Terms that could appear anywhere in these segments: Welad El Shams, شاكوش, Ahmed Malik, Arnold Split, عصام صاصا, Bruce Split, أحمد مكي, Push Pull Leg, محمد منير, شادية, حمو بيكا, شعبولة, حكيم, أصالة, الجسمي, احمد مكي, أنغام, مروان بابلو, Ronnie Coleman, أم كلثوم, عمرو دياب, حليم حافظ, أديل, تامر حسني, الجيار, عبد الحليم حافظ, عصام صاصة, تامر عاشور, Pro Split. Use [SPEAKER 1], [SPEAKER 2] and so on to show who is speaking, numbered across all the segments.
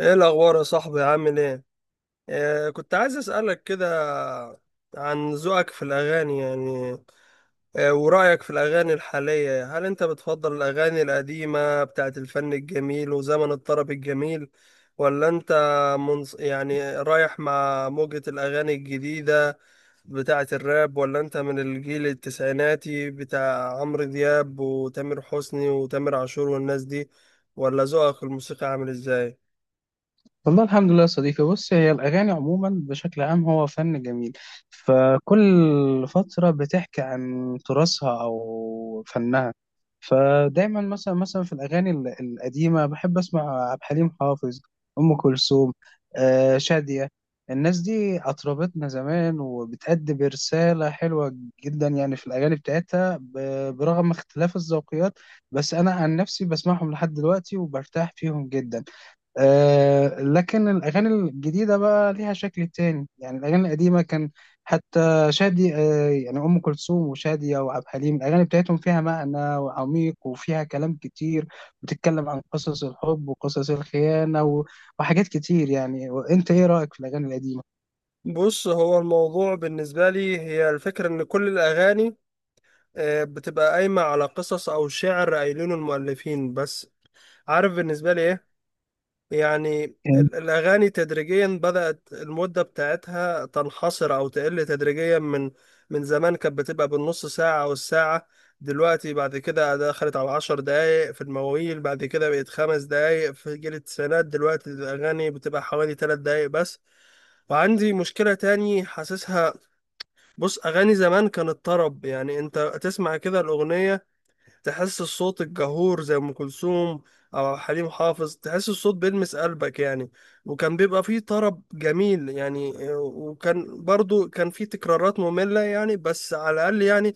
[SPEAKER 1] ايه الاخبار يا صاحبي؟ عامل ايه؟ كنت عايز اسالك كده عن ذوقك في الاغاني يعني. ورايك في الاغاني الحاليه، هل انت بتفضل الاغاني القديمه بتاعت الفن الجميل وزمن الطرب الجميل، ولا انت يعني رايح مع موجه الاغاني الجديده بتاعت الراب، ولا انت من الجيل التسعيناتي بتاع عمرو دياب وتامر حسني وتامر عاشور والناس دي، ولا ذوقك في الموسيقى عامل ازاي؟
[SPEAKER 2] والله الحمد لله يا صديقي. بص، هي الأغاني عموما بشكل عام هو فن جميل. فكل فترة بتحكي عن تراثها أو فنها. فدايما مثلا في الأغاني القديمة بحب أسمع عبد الحليم حافظ، أم كلثوم، شادية. الناس دي أطربتنا زمان وبتأدي برسالة حلوة جدا، يعني في الأغاني بتاعتها برغم اختلاف الذوقيات. بس أنا عن نفسي بسمعهم لحد دلوقتي وبرتاح فيهم جدا. آه، لكن الأغاني الجديدة بقى ليها شكل تاني. يعني الأغاني القديمة كان حتى شادي آه يعني أم كلثوم وشادية وعبد الحليم الأغاني بتاعتهم فيها معنى وعميق وفيها كلام كتير، بتتكلم عن قصص الحب وقصص الخيانة وحاجات كتير يعني. وأنت إيه رأيك في الأغاني القديمة؟
[SPEAKER 1] بص، هو الموضوع بالنسبة لي هي الفكرة إن كل الأغاني بتبقى قايمة على قصص أو شعر قايلينه المؤلفين بس. عارف بالنسبة لي إيه؟ يعني الأغاني تدريجيا بدأت المدة بتاعتها تنحصر أو تقل تدريجيا من زمان كانت بتبقى بالنص ساعة أو الساعة. دلوقتي بعد كده دخلت على 10 دقايق في المواويل، بعد كده بقت 5 دقايق في جيل التسعينات، دلوقتي الأغاني بتبقى حوالي 3 دقايق بس. وعندي مشكلة تاني حاسسها. بص، اغاني زمان كانت طرب، يعني انت تسمع كده الاغنيه تحس الصوت الجهور زي ام كلثوم او حليم حافظ، تحس الصوت بيلمس قلبك يعني. وكان بيبقى فيه طرب جميل يعني، وكان برضو فيه تكرارات ممله يعني، بس على الاقل يعني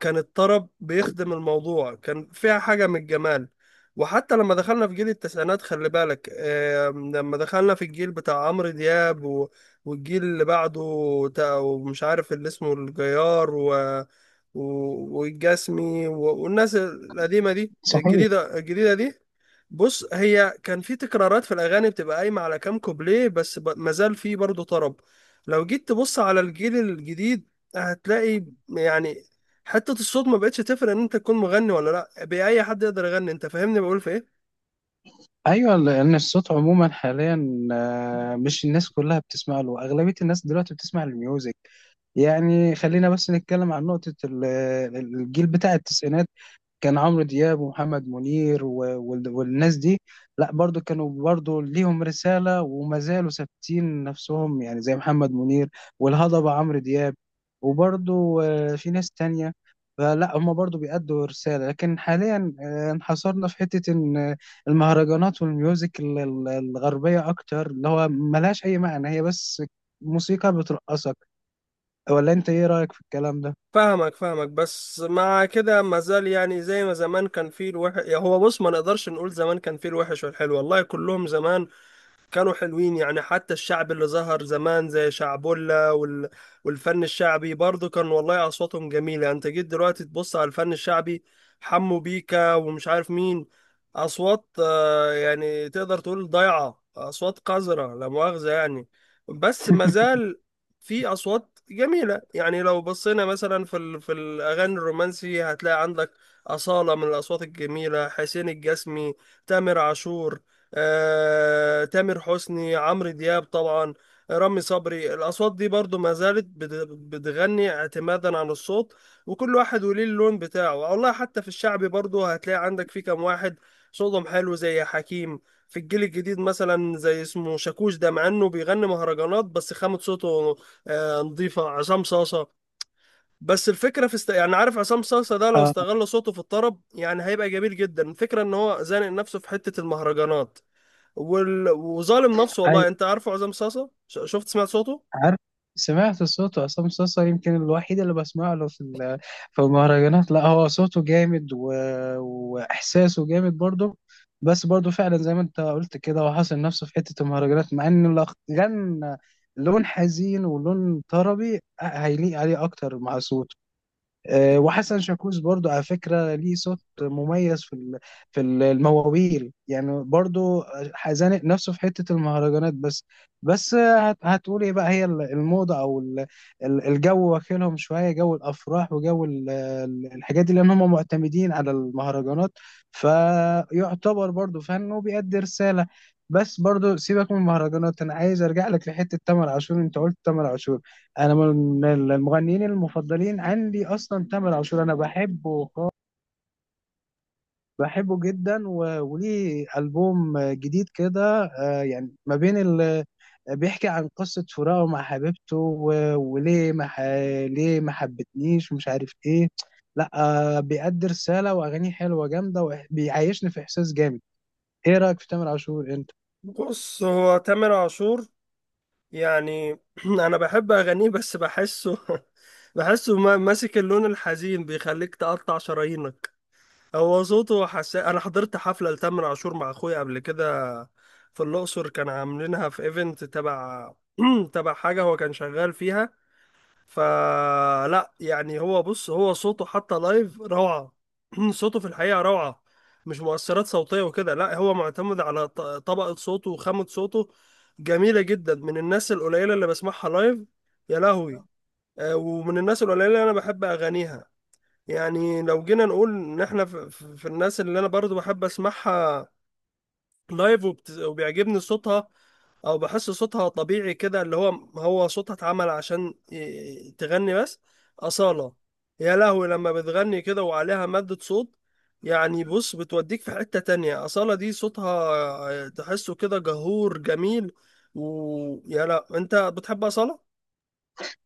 [SPEAKER 1] كان الطرب بيخدم الموضوع، كان فيها حاجة من الجمال. وحتى لما دخلنا في جيل التسعينات خلي بالك، لما دخلنا في الجيل بتاع عمرو دياب والجيل اللي بعده. ومش عارف اللي اسمه الجيار و... والجسمي والناس القديمة دي،
[SPEAKER 2] صحيح.
[SPEAKER 1] الجديدة الجديدة دي. بص، هي كان في تكرارات في الاغاني بتبقى قايمه على كام كوبليه بس، مازال في برضه طرب. لو جيت تبص على الجيل الجديد هتلاقي يعني حته الصوت ما بقتش تفرق ان انت تكون مغني ولا لا، باي حد يقدر يغني. انت فاهمني بقول في ايه؟
[SPEAKER 2] ايوه، لان الصوت عموما حاليا، مش الناس كلها بتسمع له، اغلبيه الناس دلوقتي بتسمع الميوزك. يعني خلينا بس نتكلم عن الجيل بتاع التسعينات. كان عمرو دياب ومحمد منير والناس دي. لا، برضو كانوا برضو ليهم رسالة وما زالوا ثابتين نفسهم، يعني زي محمد منير والهضبة عمرو دياب. وبرضو في ناس تانية. فلا، هما برضو بيأدوا رسالة. لكن حاليا انحصرنا في حتة إن المهرجانات والميوزك الغربية أكتر، اللي هو ملهاش أي معنى، هي بس موسيقى بترقصك. ولا أنت إيه رأيك في الكلام ده؟
[SPEAKER 1] فاهمك فاهمك، بس مع كده مازال يعني زي ما زمان كان فيه الوحش. هو بص، ما نقدرش نقول زمان كان فيه الوحش والحلو، والله كلهم زمان كانوا حلوين يعني. حتى الشعب اللي ظهر زمان زي شعبولة والفن الشعبي برضه كان، والله أصواتهم جميلة يعني. أنت جيت دلوقتي تبص على الفن الشعبي، حمو بيكا ومش عارف مين، أصوات يعني تقدر تقول ضايعة، أصوات قذرة لا مؤاخذة يعني. بس مازال في أصوات جميلة يعني. لو بصينا مثلا في الأغاني الرومانسي هتلاقي عندك أصالة من الأصوات الجميلة، حسين الجسمي، تامر عاشور، تامر حسني، عمرو دياب طبعا، رامي صبري. الأصوات دي برضو ما زالت بتغني اعتمادا على الصوت، وكل واحد وليه اللون بتاعه. والله حتى في الشعبي برضو هتلاقي عندك في كام واحد صوتهم حلو زي حكيم. في الجيل الجديد مثلا زي اسمه شاكوش ده، مع انه بيغني مهرجانات بس خامة صوته نظيفة. عصام صاصة، بس الفكرة يعني عارف عصام صاصة ده لو
[SPEAKER 2] اه،
[SPEAKER 1] استغل صوته في الطرب يعني هيبقى جميل جدا. الفكرة ان هو زانق نفسه في حتة المهرجانات وظالم نفسه. والله انت عارفه عصام صاصا؟ شفت سمعت صوته؟
[SPEAKER 2] عارف. سمعت صوته عصام صاصا. يمكن الوحيد اللي بسمع له في المهرجانات. لا، هو صوته جامد واحساسه جامد برضه. بس برضه فعلا زي ما انت قلت كده، هو حاصر نفسه في حته المهرجانات، مع ان لو غنى لون حزين ولون طربي، هيليق عليه اكتر مع صوته. وحسن شاكوش برضو على فكرة ليه صوت مميز المواويل يعني، برضو زانق نفسه في حتة المهرجانات بس. بس هتقول ايه بقى، هي الموضة او الجو واكلهم شوية، جو الافراح وجو الحاجات دي، لان هم معتمدين على المهرجانات، فيعتبر برضو فن وبيأدي رسالة. بس برضو سيبك من المهرجانات، انا عايز ارجع لك لحتة تامر عاشور. انت قلت تامر عاشور، انا من المغنيين المفضلين عندي اصلا تامر عاشور. انا بحبه خالص، بحبه جدا. وليه البوم جديد كده، يعني ما بين بيحكي عن قصة فراقه مع حبيبته، و... وليه ما ح... ليه ما حبتنيش ومش عارف ايه. لا، بيأدي رسالة واغانيه حلوة جامدة، وبيعيشني في احساس جامد. ايه رأيك في تامر عاشور انت؟
[SPEAKER 1] بص، هو تامر عاشور يعني انا بحب اغانيه بس بحسه، بحسه ماسك اللون الحزين بيخليك تقطع شرايينك. هو صوته حساس. انا حضرت حفلة لتامر عاشور مع اخويا قبل كده في الاقصر، كان عاملينها في ايفنت تبع تبع حاجة هو كان شغال فيها. فلا يعني، هو بص، هو صوته حتى لايف روعة. صوته في الحقيقة روعة، مش مؤثرات صوتية وكده، لا هو معتمد على طبقة صوته وخامة صوته جميلة جدا. من الناس القليلة اللي بسمعها لايف. يا لهوي. ومن الناس القليلة اللي أنا بحب أغانيها. يعني لو جينا نقول إن إحنا في الناس اللي أنا برضو بحب أسمعها لايف وبيعجبني صوتها، او بحس صوتها طبيعي كده، اللي هو هو صوتها اتعمل عشان تغني بس. أصالة، يا لهوي لما بتغني كده وعليها مادة صوت، يعني بص بتوديك في حتة تانية. أصالة دي صوتها تحسه كده جهور جميل. ويا لا، انت بتحب أصالة؟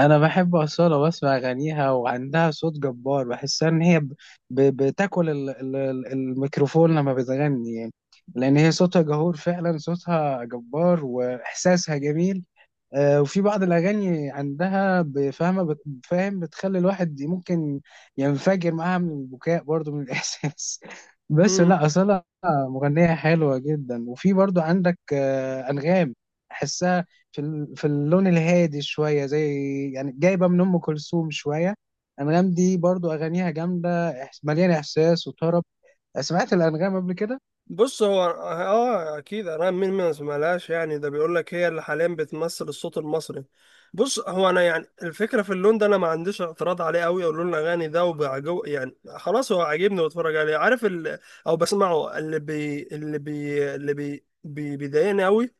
[SPEAKER 2] انا بحب اصاله واسمع اغانيها، وعندها صوت جبار. بحسها ان هي بتاكل الميكروفون لما بتغني، يعني لان هي صوتها جهور فعلا، صوتها جبار واحساسها جميل. وفي بعض الأغاني عندها بفهمة فاهم، بتخلي الواحد ممكن ينفجر معاها من البكاء برضو من الإحساس. بس لا، أصلا مغنية حلوة جدا. وفي برضو عندك أنغام. أحسها في اللون الهادي شوية، زي يعني جايبة من أم كلثوم شوية. أنغام دي برضو أغانيها جامدة، مليانة إحساس وطرب. سمعت الأنغام قبل كده؟
[SPEAKER 1] بص، هو اه اكيد، انا مين ما سمعلهاش؟ يعني ده بيقول لك هي اللي حاليا بتمثل الصوت المصري. بص، هو انا يعني الفكره في اللون ده، انا ما عنديش اعتراض عليه قوي. او لون الاغاني ده وبعجو يعني خلاص، هو عاجبني واتفرج عليه، عارف او بسمعه، بيضايقني قوي،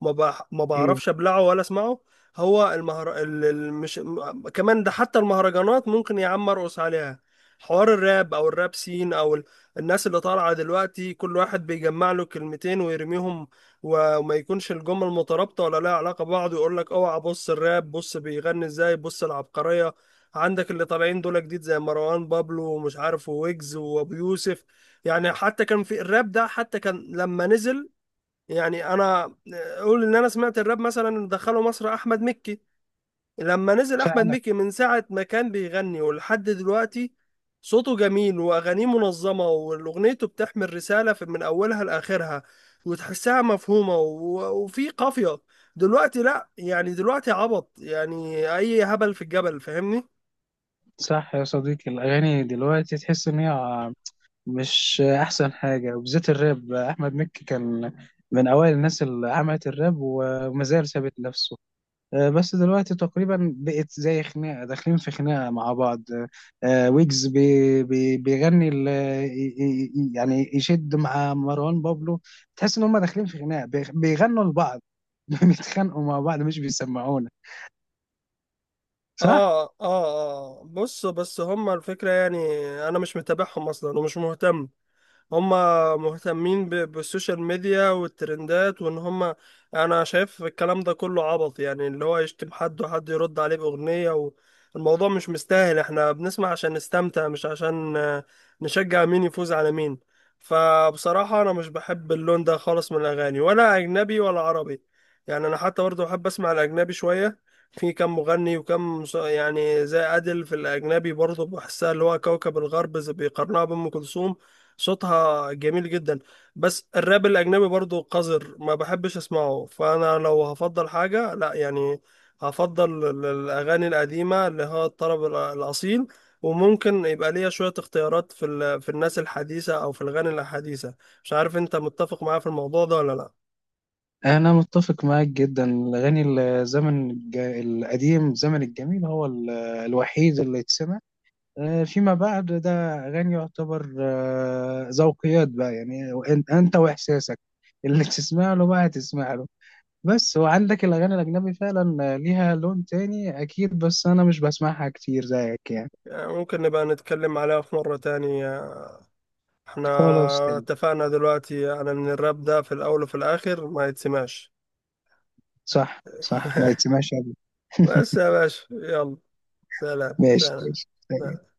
[SPEAKER 1] ما
[SPEAKER 2] إيه.
[SPEAKER 1] بعرفش ابلعه ولا اسمعه. هو المهر... ال... ال- مش م- كمان ده، حتى المهرجانات ممكن يا عم ارقص عليها. حوار الراب او الراب سين او، الناس اللي طالعة دلوقتي كل واحد بيجمع له كلمتين ويرميهم، وما يكونش الجمل مترابطة ولا لها علاقة ببعض، ويقول لك اوعى بص الراب، بص بيغني ازاي، بص العبقرية. عندك اللي طالعين دول جديد زي مروان بابلو ومش عارف، ويجز وابو يوسف. يعني حتى كان في الراب ده حتى كان لما نزل، يعني انا اقول ان انا سمعت الراب مثلا اللي دخله مصر احمد مكي. لما نزل احمد
[SPEAKER 2] فعلا
[SPEAKER 1] مكي من ساعه ما كان بيغني ولحد دلوقتي، صوته جميل واغانيه منظمه واغنيته بتحمل رساله من اولها لاخرها، وتحسها مفهومه وفي قافيه. دلوقتي لا، يعني دلوقتي عبط، يعني اي هبل في الجبل، فاهمني؟
[SPEAKER 2] صح يا صديقي، الأغاني دلوقتي تحس إن هي مش احسن حاجه. وبالذات الراب، احمد مكي كان من اوائل الناس اللي عملت الراب وما زال ثابت نفسه. بس دلوقتي تقريبا بقت زي خناقه، داخلين في خناقه مع بعض. ويجز بي بي بيغني يعني يشد مع مروان بابلو. تحس ان هم داخلين في خناقه، بيغنوا لبعض. بيتخانقوا مع بعض مش بيسمعونا. صح.
[SPEAKER 1] اه اه اه، بص بس هما الفكره يعني، انا مش متابعهم اصلا ومش مهتم. هم مهتمين بالسوشيال ميديا والترندات وان هم، انا شايف الكلام ده كله عبط، يعني اللي هو يشتم حد وحد يرد عليه بأغنية، والموضوع مش مستاهل. احنا بنسمع عشان نستمتع، مش عشان نشجع مين يفوز على مين. فبصراحة انا مش بحب اللون ده خالص من الاغاني ولا اجنبي ولا عربي. يعني انا حتى برضه بحب اسمع الاجنبي شوية. في كم مغني يعني زي أديل في الأجنبي برضه، بحسها اللي هو كوكب الغرب، زي بيقارنها بأم كلثوم، صوتها جميل جدا. بس الراب الأجنبي برضو قذر ما بحبش أسمعه. فأنا لو هفضل حاجة، لا يعني هفضل الأغاني القديمة اللي هو الطرب الأصيل، وممكن يبقى ليا شوية اختيارات في الناس الحديثة أو في الأغاني الحديثة. مش عارف أنت متفق معايا في الموضوع ده ولا لا؟
[SPEAKER 2] أنا متفق معاك جدا. الأغاني الزمن القديم، زمن الجميل، هو الوحيد اللي يتسمع. فيما بعد ده أغاني يعتبر ذوقيات بقى. يعني أنت وإحساسك اللي تسمع له بقى هتسمع له بس. وعندك الأغاني الأجنبي فعلا ليها لون تاني أكيد، بس أنا مش بسمعها كتير زيك يعني.
[SPEAKER 1] يعني ممكن نبقى نتكلم عليها في مرة تاني. احنا
[SPEAKER 2] خلاص، تمام.
[SPEAKER 1] اتفقنا دلوقتي أنا من الراب ده، في الأول وفي الآخر ما يتسمعش.
[SPEAKER 2] صح، صح، ما يتسمعش أبدا.
[SPEAKER 1] بس يا باشا، يلا سلام
[SPEAKER 2] ماشي،
[SPEAKER 1] سلام.
[SPEAKER 2] ماشي.
[SPEAKER 1] سلام.